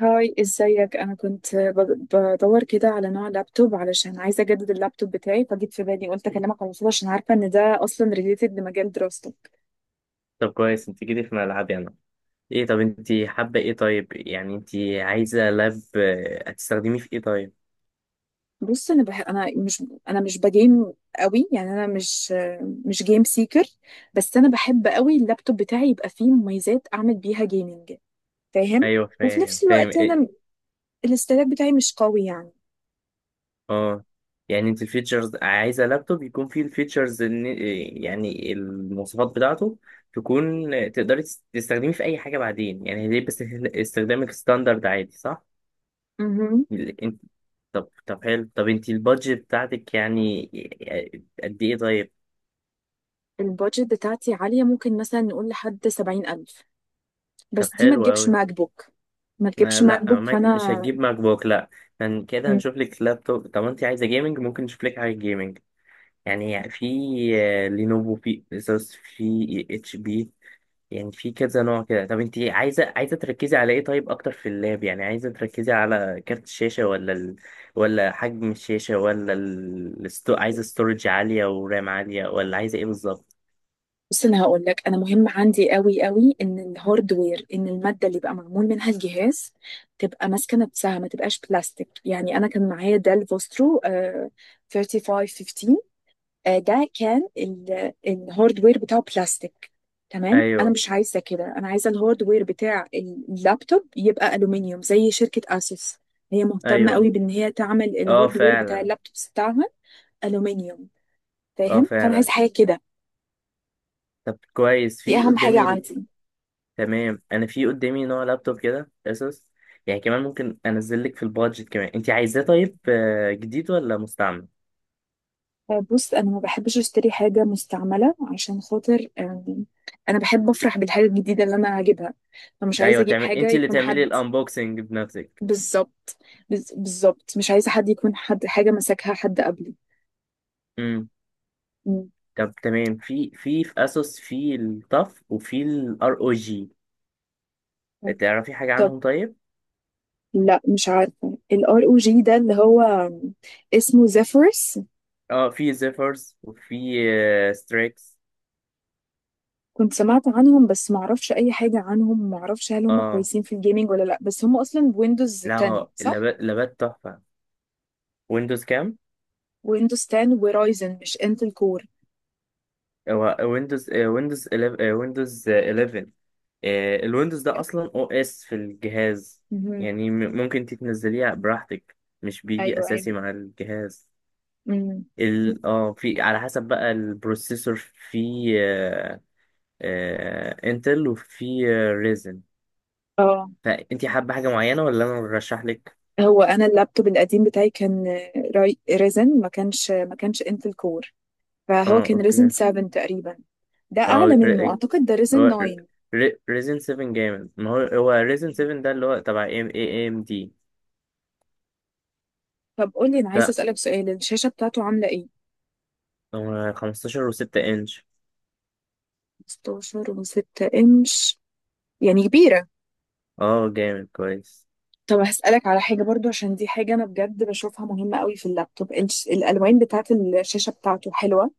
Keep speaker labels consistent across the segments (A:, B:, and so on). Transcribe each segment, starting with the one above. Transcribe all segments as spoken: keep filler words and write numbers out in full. A: هاي، ازيك؟ انا كنت ب- بدور كده على نوع لابتوب، علشان عايزه اجدد اللابتوب بتاعي، فجيت في بالي قلت اكلمك على الوصول عشان عارفه ان ده اصلا ريليتد لمجال دراستك.
B: طب كويس، انت جيتي في ملعبي انا. ايه؟ طب انت حابة ايه؟ طيب يعني انت عايزة لاب، آه، هتستخدميه في ايه طيب؟
A: بص، انا بح... انا مش انا مش بجيم قوي، يعني انا مش مش جيم سيكر. بس انا بحب قوي اللابتوب بتاعي يبقى فيه مميزات اعمل بيها جيمنج، فاهم؟
B: ايوه،
A: وفي
B: فاهم
A: نفس
B: فاهم.
A: الوقت
B: ايه؟
A: انا الاستهلاك بتاعي مش قوي يعني،
B: اه، يعني انت الفيتشرز، عايزة لابتوب يكون فيه الفيتشرز، ان إيه، يعني المواصفات بتاعته تكون آه، تقدري تس- تستخدميه في اي حاجة بعدين. يعني ليه؟ بس استخدامك ستاندرد عادي صح؟
A: مهم.
B: ال انت... طب طب حلو. طب انت البادجت بتاعتك يعني آه، قد ايه طيب؟
A: البادجت بتاعتي عالية، ممكن مثلا نقول لحد سبعين ألف،
B: طب
A: بس دي ما
B: حلو
A: تجيبش
B: أوي.
A: ماك بوك. ما تجيبش
B: ما
A: ماك
B: لا،
A: بوك،
B: ماك مش
A: فأنا
B: هتجيب ماك بوك لا. كان كده هنشوف لك لابتوب. طب انت عايزه جيمنج؟ ممكن نشوف لك حاجه جيمنج، يعني في آه، لينوفو، في اسوس، في اتش بي، يعني في كذا نوع كده. طب انت عايزه عايزه تركزي على ايه طيب اكتر في اللاب؟ يعني عايزه تركزي على كارت الشاشه، ولا ال... ولا حجم الشاشه، ولا ال... الستو... عايزه ستورج عاليه ورام عاليه، ولا عايزه ايه بالظبط؟
A: بس انا هقول لك، انا مهم عندي قوي قوي ان الهاردوير، ان الماده اللي بقى معمول منها الجهاز تبقى ماسكه نفسها، ما تبقاش بلاستيك. يعني انا كان معايا ديل فوسترو آه، تلاتة خمسة واحد خمسة. آه، ده كان ال- الهاردوير بتاعه بلاستيك. تمام، انا
B: ايوه،
A: مش عايزه كده، انا عايزه الهاردوير بتاع اللابتوب يبقى الومنيوم زي شركه اسوس. هي مهتمه
B: ايوه.
A: قوي بان هي تعمل
B: اه
A: الهاردوير بتاع
B: فعلا،
A: اللابتوبس بتاعها الومنيوم،
B: اه
A: فاهم؟ فانا
B: فعلا.
A: عايزه حاجه كده،
B: طب كويس،
A: دي
B: في
A: اهم حاجه
B: قدامي.
A: عندي.
B: تمام، انا في قدامي نوع لابتوب كده اسوس، يعني كمان ممكن انزل لك في البادجت كمان انت عايزاه. طيب آه، جديد ولا مستعمل؟
A: بص، انا ما بحبش اشتري حاجه مستعمله عشان خاطر، آم، انا بحب افرح بالحاجه الجديده اللي انا هجيبها، فمش عايزه
B: ايوه،
A: اجيب
B: تعمل
A: حاجه
B: انت اللي
A: يكون
B: تعملي
A: حد
B: الانبوكسنج بنفسك.
A: بالظبط. بز- بالظبط مش عايزه حد يكون، حد حاجه مسكها حد قبلي.
B: امم.
A: مم.
B: طب تمام، في في في اسوس في الطف، وفي الار او جي. تعرفي حاجه
A: طب
B: عنهم طيب؟
A: لا، مش عارفه الار او جي ده اللي هو آم، اسمه زيفيرس.
B: اه، في زيفرز وفي ستريكس.
A: كنت سمعت عنهم بس ما اعرفش اي حاجه عنهم، ما اعرفش هل هم
B: اه،
A: كويسين في الجيمنج ولا لا، بس هم اصلا ويندوز
B: لا
A: عشرة
B: هو
A: صح؟
B: لابات لابات تحفه. ويندوز كام؟
A: ويندوز عشرة ورايزن، مش انتل كور.
B: هو ويندوز آه، ويندوز إليفن، آه، ويندوز احدعش آه، الويندوز ده اصلا او اس في الجهاز، يعني م- ممكن تتنزليه براحتك. مش بيجي
A: ايوه
B: اساسي
A: ايوه.
B: مع الجهاز.
A: امم.
B: ال اه في على حسب بقى البروسيسور، في انتل وفي ريزن.
A: اه
B: فانت حابه حاجه معينه ولا انا ارشح لك؟
A: هو انا اللابتوب القديم بتاعي كان راي ريزن، ما كانش ما كانش انتل كور، فهو
B: اه،
A: كان ريزن
B: اوكي.
A: سبعة تقريبا. ده اعلى
B: اه،
A: منه،
B: ر-
A: اعتقد ده ريزن
B: هو
A: تسعة.
B: ريزن سبعة جامد. ما هو هو ريزن سبعة ده اللي هو تبع ام اي ام دي.
A: طب قول لي، انا عايزه اسالك سؤال، الشاشه بتاعته عامله ايه؟
B: هو خمستاشر و6 انش.
A: ستاشر و6 انش، يعني كبيره.
B: اه، جامد كويس.
A: طب هسالك على حاجه برضو، عشان دي حاجه انا بجد بشوفها مهمه قوي في اللابتوب، الش- الالوان بتاعت الشاشه بتاعته حلوه؟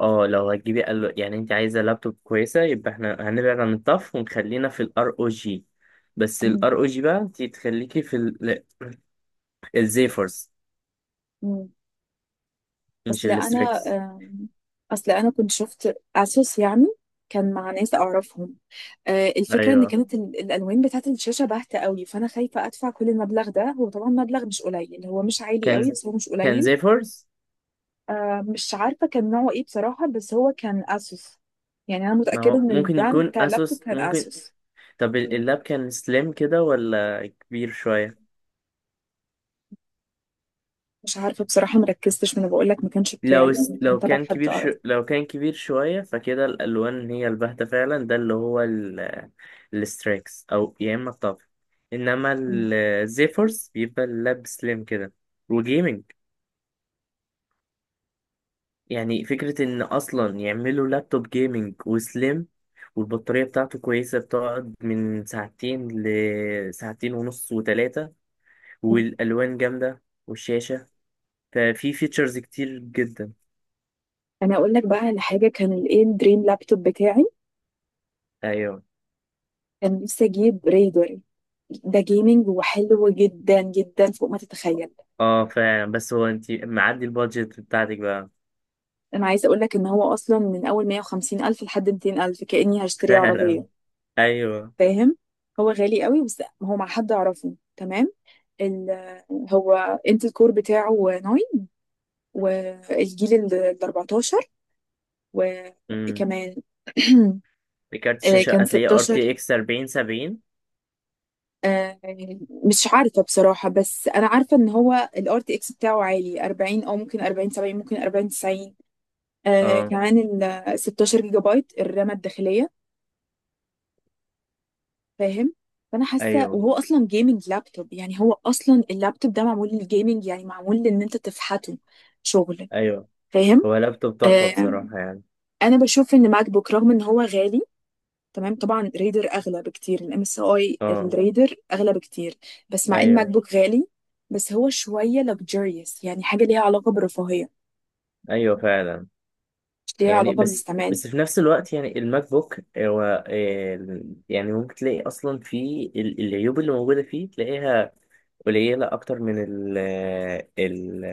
B: اه، لو هتجيبي قال يعني انت عايزه لابتوب كويسه، يبقى احنا هنبعد عن الطف ونخلينا في الار او جي. بس الار او جي بقى انت تخليكي في ال... الزيفورس،
A: مم.
B: مش
A: اصل انا
B: الستريكس.
A: آم، اصل انا كنت شفت اسوس يعني، كان مع ناس اعرفهم، آه، الفكره ان
B: ايوه،
A: كانت ال- الالوان بتاعت الشاشه باهته قوي، فانا خايفه ادفع كل المبلغ ده. هو طبعا مبلغ مش قليل، هو مش عالي قوي
B: كان
A: بس هو مش
B: كان
A: قليل.
B: زيفورس.
A: آه، مش عارفه كان نوعه ايه بصراحه، بس هو كان اسوس. يعني انا
B: ما
A: متاكده
B: هو
A: ان
B: ممكن
A: البراند
B: يكون
A: بتاع اللابتوب
B: اسوس،
A: كان
B: ممكن.
A: اسوس.
B: طب ال- اللاب كان سليم كده ولا كبير شويه؟
A: مش عارفه بصراحه، مركزتش، ما انا بقول لك ما كانش
B: لو
A: بتاعي،
B: است...
A: يعني كان
B: لو
A: تبع
B: كان
A: حد
B: كبير
A: اعرف.
B: شو... لو كان كبير شوية، فكده الألوان هي الباهتة فعلا. ده اللي هو ال... الستريكس أو يا إما الطف. إنما الزيفورس بيبقى اللاب سليم كده وجيمنج. يعني فكرة إن أصلا يعملوا لابتوب جيمنج وسليم، والبطارية بتاعته كويسة، بتقعد من ساعتين لساعتين ونص وتلاتة، والألوان جامدة والشاشة، ففي فيتشرز كتير جدا.
A: انا اقول لك بقى على حاجه، كان الايه، الدريم لابتوب بتاعي،
B: أيوه،
A: كان نفسي اجيب ريدر. ده جيمنج وحلو جدا جدا، فوق ما تتخيل.
B: اه فعلا. بس هو انت معدي البادجت بتاعتك بقى.
A: انا عايزه اقول لك ان هو اصلا من اول مئة وخمسين الف لحد ميتين الف، كاني هشتري
B: فعلا،
A: عربيه،
B: ايوه.
A: فاهم؟ هو غالي قوي بس هو مع حد اعرفه تمام. ال هو، انت الكور بتاعه ناين، والجيل ال اربعة عشر،
B: امم،
A: وكمان
B: كارت
A: آه،
B: الشاشه
A: كان
B: هتلاقيه ار تي
A: ستاشر.
B: اكس فورتي سيفنتي.
A: آه، مش عارفة بصراحة، بس أنا عارفة إن هو ال ار تي اكس بتاعه عالي اربعين، أو ممكن اربعين سبعين، ممكن اربعين تسعين. آه
B: اه،
A: كمان ال ستاشر جيجا بايت الرامة الداخلية، فاهم؟ فأنا حاسة،
B: ايوه،
A: وهو أصلا جيمنج لابتوب، يعني هو أصلا اللابتوب ده معمول للجيمنج، يعني معمول لإن أنت تفحته شغل،
B: ايوه.
A: فاهم؟
B: هو لابتوب تحفه
A: آه
B: بصراحه، يعني.
A: أنا بشوف إن ماك بوك رغم إن هو غالي، تمام طبعا ريدر اغلى بكتير، الام اس اي
B: اه.
A: الريدر اغلى بكتير، بس مع ان ماك
B: ايوه،
A: بوك غالي، بس هو شويه luxurious، يعني حاجه ليها علاقه بالرفاهيه،
B: ايوه، فعلا،
A: مش ليها
B: يعني.
A: علاقه
B: بس
A: بالاستعمال.
B: بس في نفس الوقت يعني الماك بوك هو آه، يعني ممكن تلاقي اصلا في ال- العيوب اللي موجوده فيه، تلاقيها قليلة أكتر من ال ال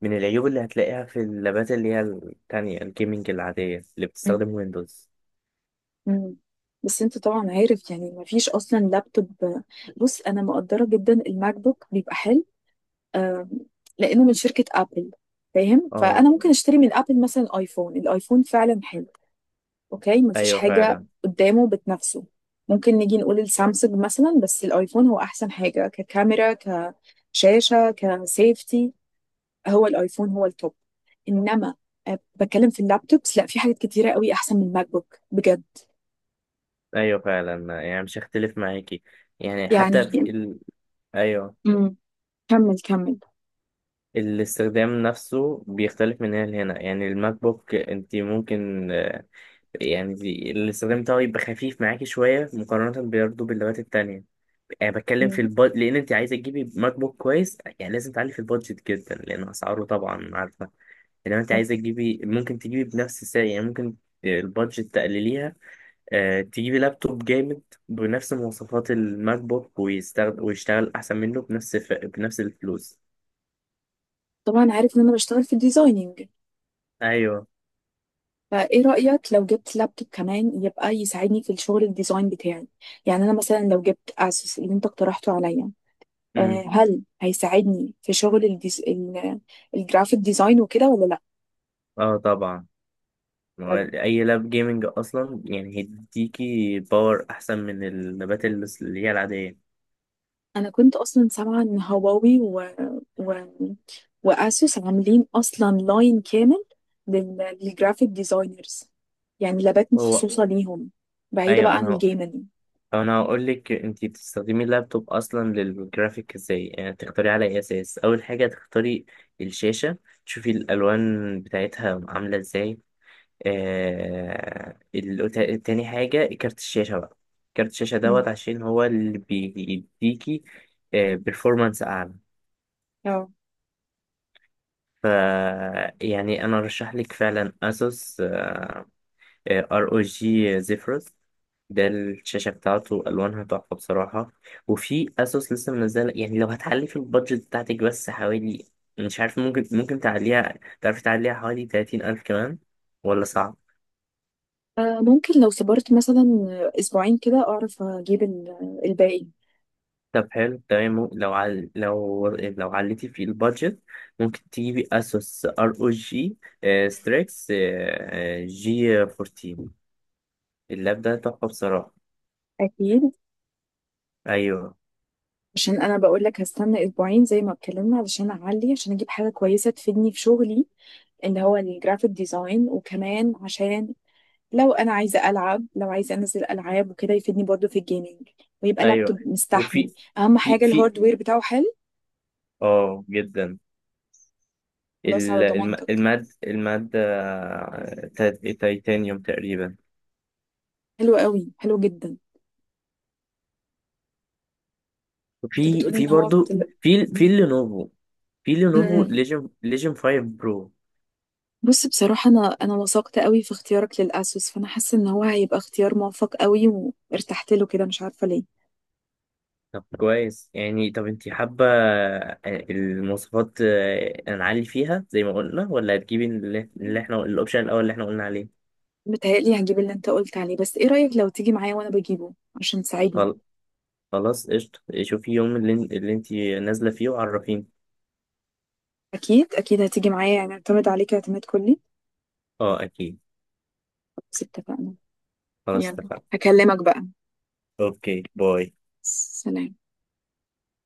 B: من العيوب اللي هتلاقيها في اللابات اللي هي التانية الجيمنج العادية اللي بتستخدم ويندوز.
A: مم. بس انت طبعا عارف، يعني مفيش اصلا لابتوب. بص انا مقدره جدا الماك بوك بيبقى حلو، آم، لانه من شركه ابل، فاهم؟
B: اه،
A: فانا ممكن اشتري من ابل مثلا ايفون، الايفون فعلا حلو، اوكي، مفيش
B: أيوه
A: حاجه
B: فعلا.
A: قدامه بتنافسه. ممكن نيجي نقول السامسونج مثلا، بس الايفون هو احسن حاجه، ككاميرا، كشاشه، كسيفتي، هو الايفون هو التوب. انما أه، بتكلم في اللابتوبس، لا، في حاجات كتيره قوي احسن من الماك بوك بجد،
B: أيوه فعلا، يعني مش هختلف معاكي. يعني حتى في
A: يعني.
B: ال... أيوه.
A: مم. كمل كمل.
B: الاستخدام نفسه بيختلف من هنا لهنا. يعني الماك بوك انت ممكن، آه، يعني دي- الاستخدام بتاعه يبقى خفيف معاكي شوية مقارنة برضه باللابات التانية. يعني بتكلم في
A: مم.
B: البادجت، لان انت عايزه تجيبي ماك بوك كويس يعني لازم تعلي في البادجت جدا، لان اسعاره طبعا عارفه. انما انت عايزه تجيبي، ممكن تجيبي بنفس السعر. يعني ممكن البادجت تقلليها، آه تجيبي لابتوب جامد بنفس مواصفات الماك بوك، ويستخدم ويشتغل احسن منه بنفس ف... بنفس الفلوس.
A: طبعا عارف ان انا بشتغل في الديزايننج،
B: ايوه.
A: فايه رأيك لو جبت لابتوب كمان يبقى يساعدني في الشغل الديزاين بتاعي؟ يعني انا مثلا لو جبت اسوس اللي انت اقترحته عليا، آه،
B: امم.
A: هل هيساعدني في شغل الديز... ال- الجرافيك ديزاين وكده ولا
B: اه، طبعا. ما هو
A: لا؟
B: اي لاب جيمنج اصلا يعني هيديكي باور احسن من اللابات اللي اللي هي العاديه.
A: انا كنت اصلا سامعة ان هواوي و... و... واسوس عاملين اصلا لاين كامل لل... للجرافيك ديزاينرز، يعني لابات
B: هو،
A: مخصوصة ليهم بعيدة بقى
B: ايوه،
A: عن
B: انا
A: الجيمنج.
B: انا هقول لك. انت بتستخدمي اللابتوب اصلا للجرافيك ازاي، يعني تختاري على اي اساس؟ اول حاجه تختاري الشاشه، تشوفي الالوان بتاعتها عامله ازاي. آه... ال... تا- تاني حاجه كارت الشاشه بقى. كارت الشاشه دوت، عشان هو اللي بيديكي آه... performance اعلى. ف يعني انا ارشح لك فعلا اسوس ار او جي زيفرس. ده الشاشة بتاعته ألوانها تحفة بصراحة. وفي أسوس لسه منزلة، يعني لو هتعلي في البادجت بتاعتك بس حوالي، مش عارف، ممكن ممكن تعليها، تعرفي تعليها حوالي تلاتين ألف كمان، ولا صعب؟
A: آه، ممكن لو صبرت مثلا اسبوعين كده اعرف اجيب ال- الباقي.
B: طب حلو تمام. مم- لو عل... لو لو عليتي في البادجت، ممكن تجيبي أسوس ار او جي ستريكس جي فورتين. اللاب ده تحفة بصراحة.
A: اكيد،
B: أيوه.
A: عشان انا بقول لك هستنى اسبوعين زي ما اتكلمنا، علشان اعلي عشان اجيب حاجه كويسه تفيدني في شغلي اللي هو الجرافيك ديزاين، وكمان عشان لو انا عايزه العب، لو عايزه انزل العاب وكده يفيدني برضه في الجيمنج، ويبقى
B: أيوه،
A: لابتوب
B: وفي،
A: مستحمل. اهم
B: في
A: حاجه
B: في
A: الهاردوير بتاعه حلو.
B: اه جدا.
A: خلاص، على
B: ال- الم-
A: ضمانتك.
B: الماد المادة تا- تيتانيوم تقريبا.
A: حلو قوي، حلو جدا. انت
B: في
A: بتقولي
B: في
A: ان هو
B: برضو.
A: بتل...
B: في في لينوفو، في لينوفو ليجن، ليجن فايف برو.
A: بص بصراحة أنا أنا وثقت قوي في اختيارك للأسوس، فأنا حاسة إن هو هيبقى اختيار موفق قوي، وارتحت له كده مش عارفة ليه.
B: طب كويس. يعني طب انت حابة آه، المواصفات آه، هنعلي فيها زي ما قلنا، ولا هتجيبي اللي اللي احنا الاوبشن الاول اللي احنا قلنا عليه؟
A: متهيألي هجيب اللي أنت قلت عليه، بس إيه رأيك لو تيجي معايا وأنا بجيبه عشان تساعدني؟
B: خل- خلاص، قشطة. شوفي يوم اللي, اللي انت نازلة فيه وعرفيني.
A: أكيد أكيد، هتيجي معايا يعني، أعتمد عليك اعتماد كلي.
B: اه، اكيد.
A: بس اتفقنا؟
B: خلاص،
A: يلا،
B: اتفقنا.
A: هكلمك بقى.
B: اوكي، باي.
A: سلام.